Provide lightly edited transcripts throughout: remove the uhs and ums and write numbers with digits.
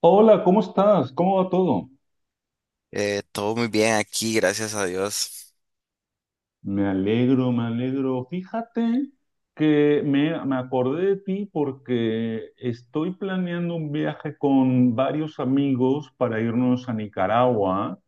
Hola, ¿cómo estás? ¿Cómo va todo? Todo muy bien aquí, gracias a Dios. Me alegro, me alegro. Fíjate que me acordé de ti porque estoy planeando un viaje con varios amigos para irnos a Nicaragua,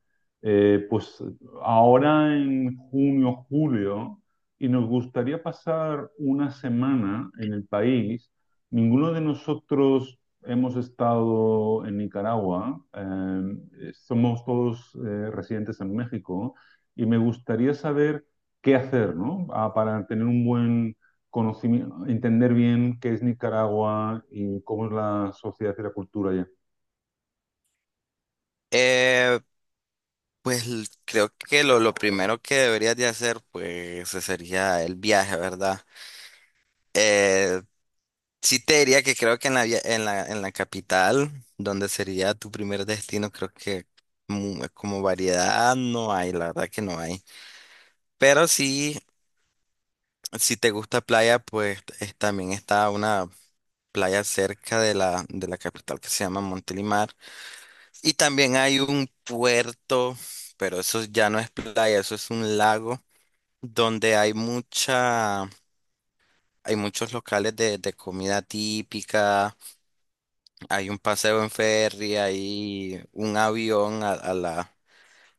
pues ahora en junio, julio, y nos gustaría pasar una semana en el país. Ninguno de nosotros hemos estado en Nicaragua, somos todos residentes en México, y me gustaría saber qué hacer, ¿no? Ah, para tener un buen conocimiento, entender bien qué es Nicaragua y cómo es la sociedad y la cultura allá. Eh, pues creo que lo primero que deberías de hacer, pues, ese sería el viaje, ¿verdad? Eh, sí te diría que creo que en en la capital, donde sería tu primer destino, creo que como variedad no hay, la verdad que no hay. Pero sí, si te gusta playa, pues también está una playa cerca de la capital que se llama Montelimar. Y también hay un puerto, pero eso ya no es playa, eso es un lago donde hay mucha, hay muchos locales de comida típica, hay un paseo en ferry, hay un avión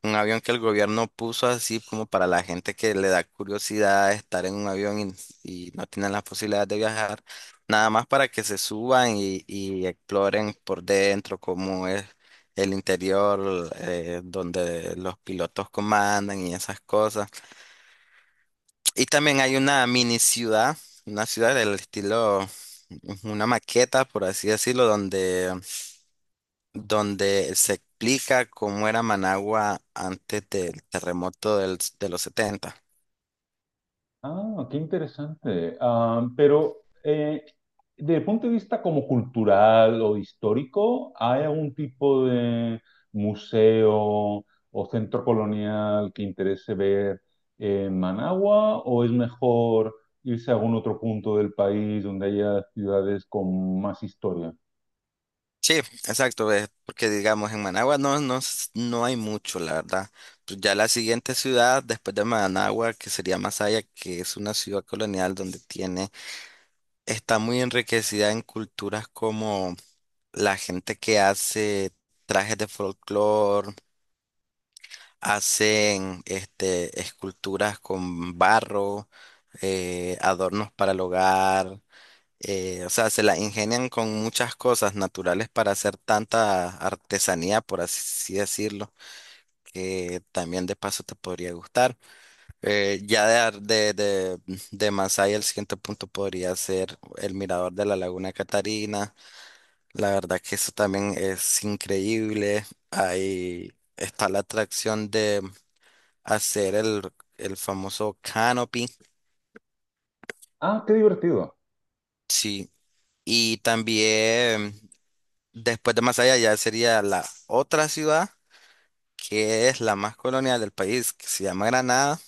un avión que el gobierno puso así como para la gente que le da curiosidad estar en un avión y no tienen la posibilidad de viajar, nada más para que se suban y exploren por dentro cómo es el interior, donde los pilotos comandan y esas cosas. Y también hay una mini ciudad, una ciudad del estilo, una maqueta, por así decirlo, donde se explica cómo era Managua antes del terremoto de los 70. Ah, qué interesante. Ah, pero eh, desde el punto de vista como cultural o histórico, ¿hay algún tipo de museo o centro colonial que interese ver en Managua? ¿O es mejor irse a algún otro punto del país donde haya ciudades con más historia? Sí, exacto, porque digamos en Managua no, no, no hay mucho, la verdad. Pues ya la siguiente ciudad después de Managua, que sería Masaya, que es una ciudad colonial donde tiene, está muy enriquecida en culturas como la gente que hace trajes de folclore. Hacen esculturas con barro, adornos para el hogar, o sea, se la ingenian con muchas cosas naturales para hacer tanta artesanía, por así decirlo, que también de paso te podría gustar. Ya de, ar- de Masaya, el siguiente punto podría ser el mirador de la Laguna Catarina. La verdad que eso también es increíble. Ahí está la atracción de hacer el famoso canopy. Ah, qué divertido. Sí. Y también después de Masaya ya sería la otra ciudad que es la más colonial del país, que se llama Granada,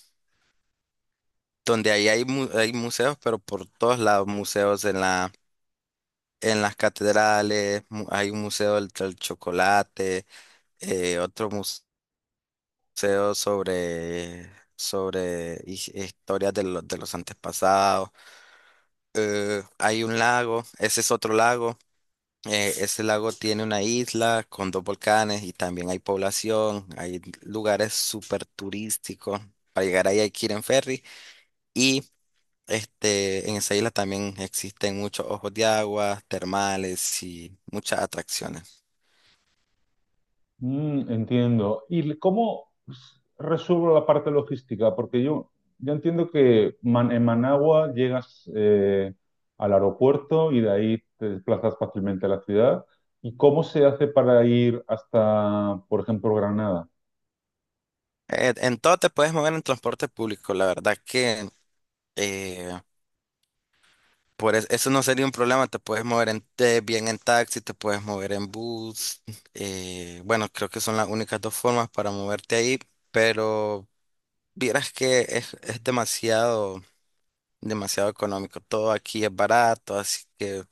donde ahí hay museos, pero por todos lados, museos en en las catedrales, hay un museo del chocolate, otro museo sobre historias los de los antepasados, hay un lago, ese es otro lago. Ese lago tiene una isla con dos volcanes y también hay población, hay lugares súper turísticos. Para llegar ahí hay que ir en ferry y en esa isla también existen muchos ojos de agua, termales y muchas atracciones. Mm, entiendo. ¿Y cómo resuelvo la parte logística? Porque yo entiendo que en Managua llegas al aeropuerto y de ahí te desplazas fácilmente a la ciudad. ¿Y cómo se hace para ir hasta, por ejemplo, Granada? En todo te puedes mover en transporte público, la verdad que eh, por eso no sería un problema, te puedes mover bien en taxi, te puedes mover en bus. Bueno, creo que son las únicas dos formas para moverte ahí. Pero vieras que es demasiado, demasiado económico. Todo aquí es barato, así que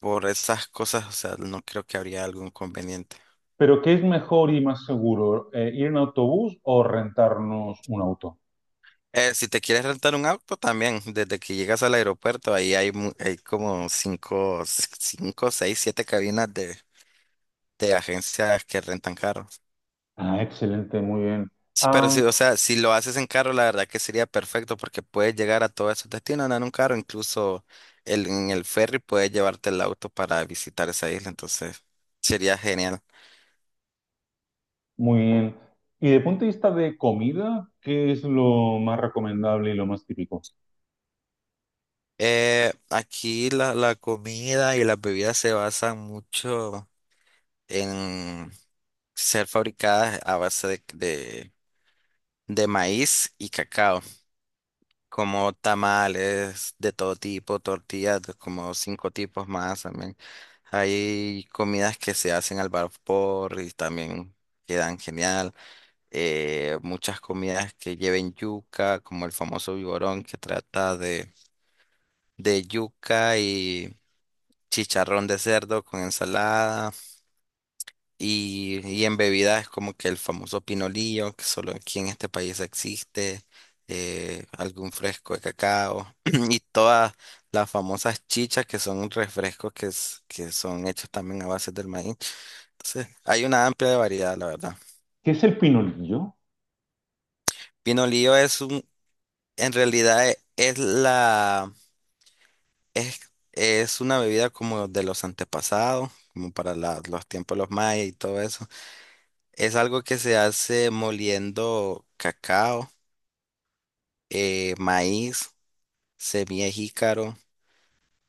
por esas cosas, o sea, no creo que habría algún inconveniente. ¿Pero qué es mejor y más seguro, ir en autobús o rentarnos un auto? Si te quieres rentar un auto también, desde que llegas al aeropuerto, ahí hay como seis, siete cabinas de agencias que rentan carros. Ah, excelente, muy bien. Sí, pero Ah, sí, o sea, si lo haces en carro, la verdad que sería perfecto porque puedes llegar a todos esos destinos andando en un carro, incluso en el ferry puedes llevarte el auto para visitar esa isla, entonces sería genial. muy bien. Y de punto de vista de comida, ¿qué es lo más recomendable y lo más típico? Aquí la comida y las bebidas se basan mucho en ser fabricadas a base de maíz y cacao. Como tamales de todo tipo, tortillas, de como cinco tipos más también. Hay comidas que se hacen al vapor y también quedan genial. Muchas comidas que lleven yuca, como el famoso vigorón que trata de yuca y chicharrón de cerdo con ensalada. Y en bebidas es como que el famoso pinolillo, que solo aquí en este país existe, algún fresco de cacao y todas las famosas chichas que son refrescos que son hechos también a base del maíz. Entonces, hay una amplia variedad, la verdad. ¿Qué es el pinolillo? Pinolillo en realidad es, es una bebida como de los antepasados, como para los tiempos de los mayas y todo eso. Es algo que se hace moliendo cacao, maíz, semilla de jícaro,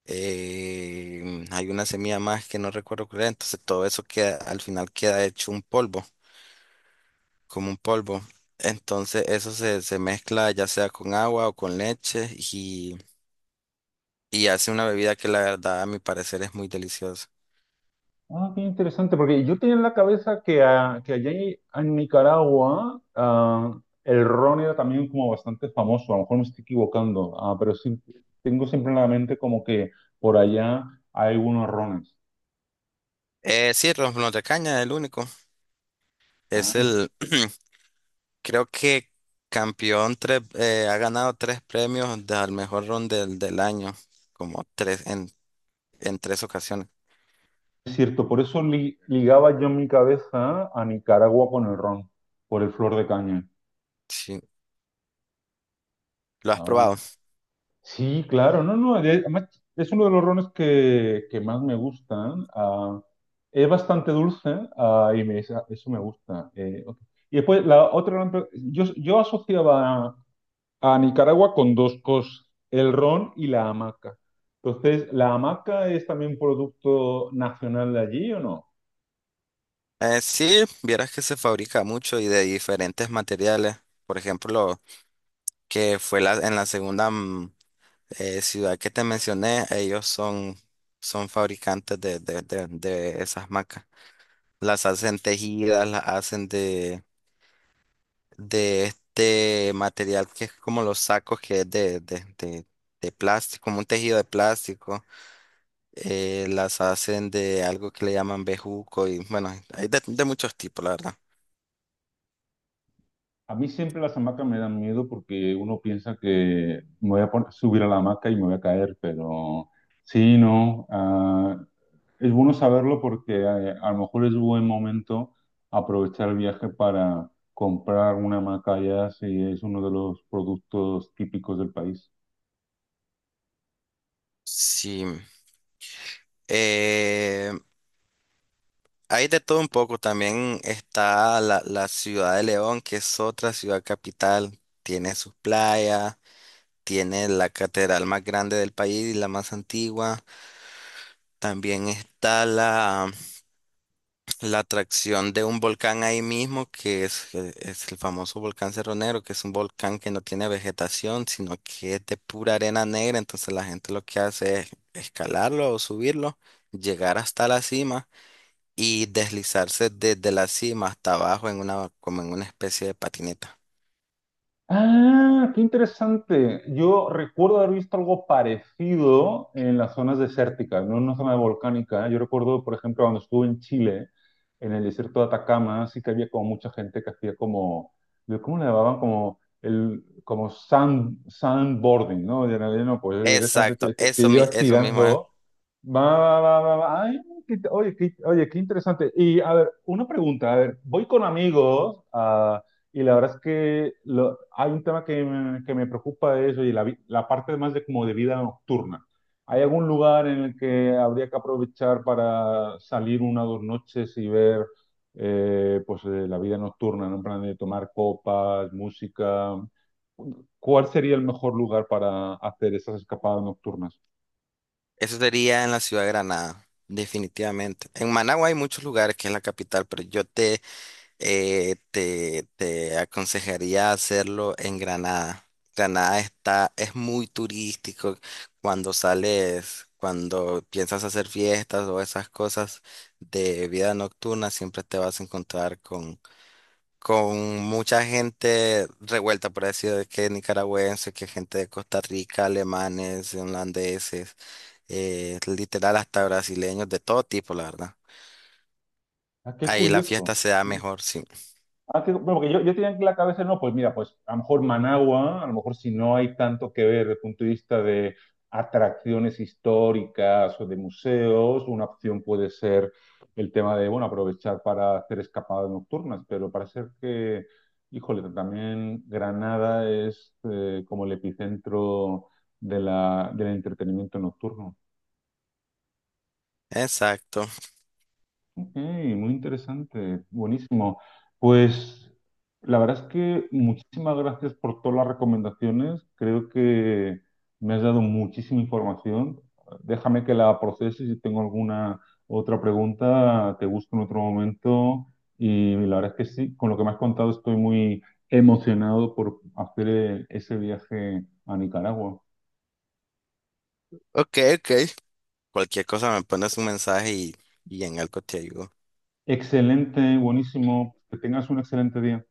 hay una semilla más que no recuerdo cuál era, entonces todo eso queda, al final queda hecho un polvo, como un polvo. Entonces eso se mezcla ya sea con agua o con leche y hace una bebida que la verdad a mi parecer es muy deliciosa. Ah, qué interesante, porque yo tenía en la cabeza que, ah, que allá en Nicaragua ah, el ron era también como bastante famoso, a lo mejor me estoy equivocando, ah, pero sí, tengo siempre en la mente como que por allá hay unos rones. Sí, ron de caña es el único. Es Ah, el, Creo que campeón tres, ha ganado tres premios de al mejor ron del año, como tres en tres ocasiones. es cierto, por eso ligaba yo en mi cabeza a Nicaragua con el ron, por el flor de caña. Sí, ¿lo has Ah, probado? sí, claro, no, no, además es uno de los rones que más me gustan. Ah, es bastante dulce, ah, y me- eso me gusta. Ok. Y después, la otra gran yo, yo asociaba a Nicaragua con dos cosas, el ron y la hamaca. Entonces, ¿la hamaca es también un producto nacional de allí o no? Sí, vieras que se fabrica mucho y de diferentes materiales. Por ejemplo, en la segunda ciudad que te mencioné, son fabricantes de esas macas. Las hacen tejidas, las hacen de este material que es como los sacos, que es de plástico, como un tejido de plástico. Las hacen de algo que le llaman bejuco y bueno, hay de muchos tipos, la verdad. A mí siempre las hamacas me dan miedo porque uno piensa que me voy a subir a la hamaca y me voy a caer, pero sí, no. ah, Es bueno saberlo porque a lo mejor es buen momento aprovechar el viaje para comprar una macaya si es uno de los productos típicos del país. Sí, eh, hay de todo un poco. También está la ciudad de León, que es otra ciudad capital. Tiene sus playas, tiene la catedral más grande del país y la más antigua. También está la atracción de un volcán ahí mismo, que es el famoso volcán Cerro Negro, que es un volcán que no tiene vegetación, sino que es de pura arena negra. Entonces la gente lo que hace es escalarlo o subirlo, llegar hasta la cima y deslizarse desde la cima hasta abajo como en una especie de patineta. Ah, qué interesante. Yo recuerdo haber visto algo parecido en las zonas desérticas, no en una zona volcánica. Yo recuerdo, por ejemplo, cuando estuve en Chile, en el desierto de Atacama, sí que había como mucha gente que hacía como, ¿cómo le llamaban? Como el, como sandboarding, ¿no? Y en realidad no, pues directamente Exacto, te, te eso, llevas eso mismo es. tirando. Va, va, va, va, va. Ay, qué- oye, qué, oye, qué interesante. Y a ver, una pregunta, a ver, voy con amigos. Y la verdad es que hay un tema que me preocupa de eso y la, la parte más de como de vida nocturna. ¿Hay algún lugar en el que habría que aprovechar para salir una o dos noches y ver pues, la vida nocturna, ¿no? En plan de tomar copas, música? ¿Cuál sería el mejor lugar para hacer esas escapadas nocturnas? Eso sería en la ciudad de Granada, definitivamente. En Managua hay muchos lugares que es la capital, pero yo te aconsejaría hacerlo en Granada. Granada es muy turístico cuando sales, cuando piensas hacer fiestas o esas cosas de vida nocturna, siempre te vas a encontrar con mucha gente revuelta, por así decirlo, que nicaragüenses, que gente de Costa Rica, alemanes, holandeses, literal hasta brasileños, de todo tipo, la verdad. Ah, qué Ahí la fiesta curioso. se da mejor, sí. Ah, que- bueno, porque yo tenía en la cabeza, no, pues mira, pues a lo mejor Managua, a lo mejor si no hay tanto que ver desde el punto de vista de atracciones históricas o de museos, una opción puede ser el tema de, bueno, aprovechar para hacer escapadas nocturnas, pero parece que, híjole, también Granada es como el epicentro de la, del entretenimiento nocturno. Exacto. Ok, muy interesante, buenísimo. Pues la verdad es que muchísimas gracias por todas las recomendaciones. Creo que me has dado muchísima información. Déjame que la procese y si tengo alguna otra pregunta, te busco en otro momento. Y la verdad es que sí, con lo que me has contado estoy muy emocionado por hacer ese viaje a Nicaragua. Ok, ok. Cualquier cosa me pones un mensaje y en algo te ayudo. Excelente, buenísimo. Que tengas un excelente día.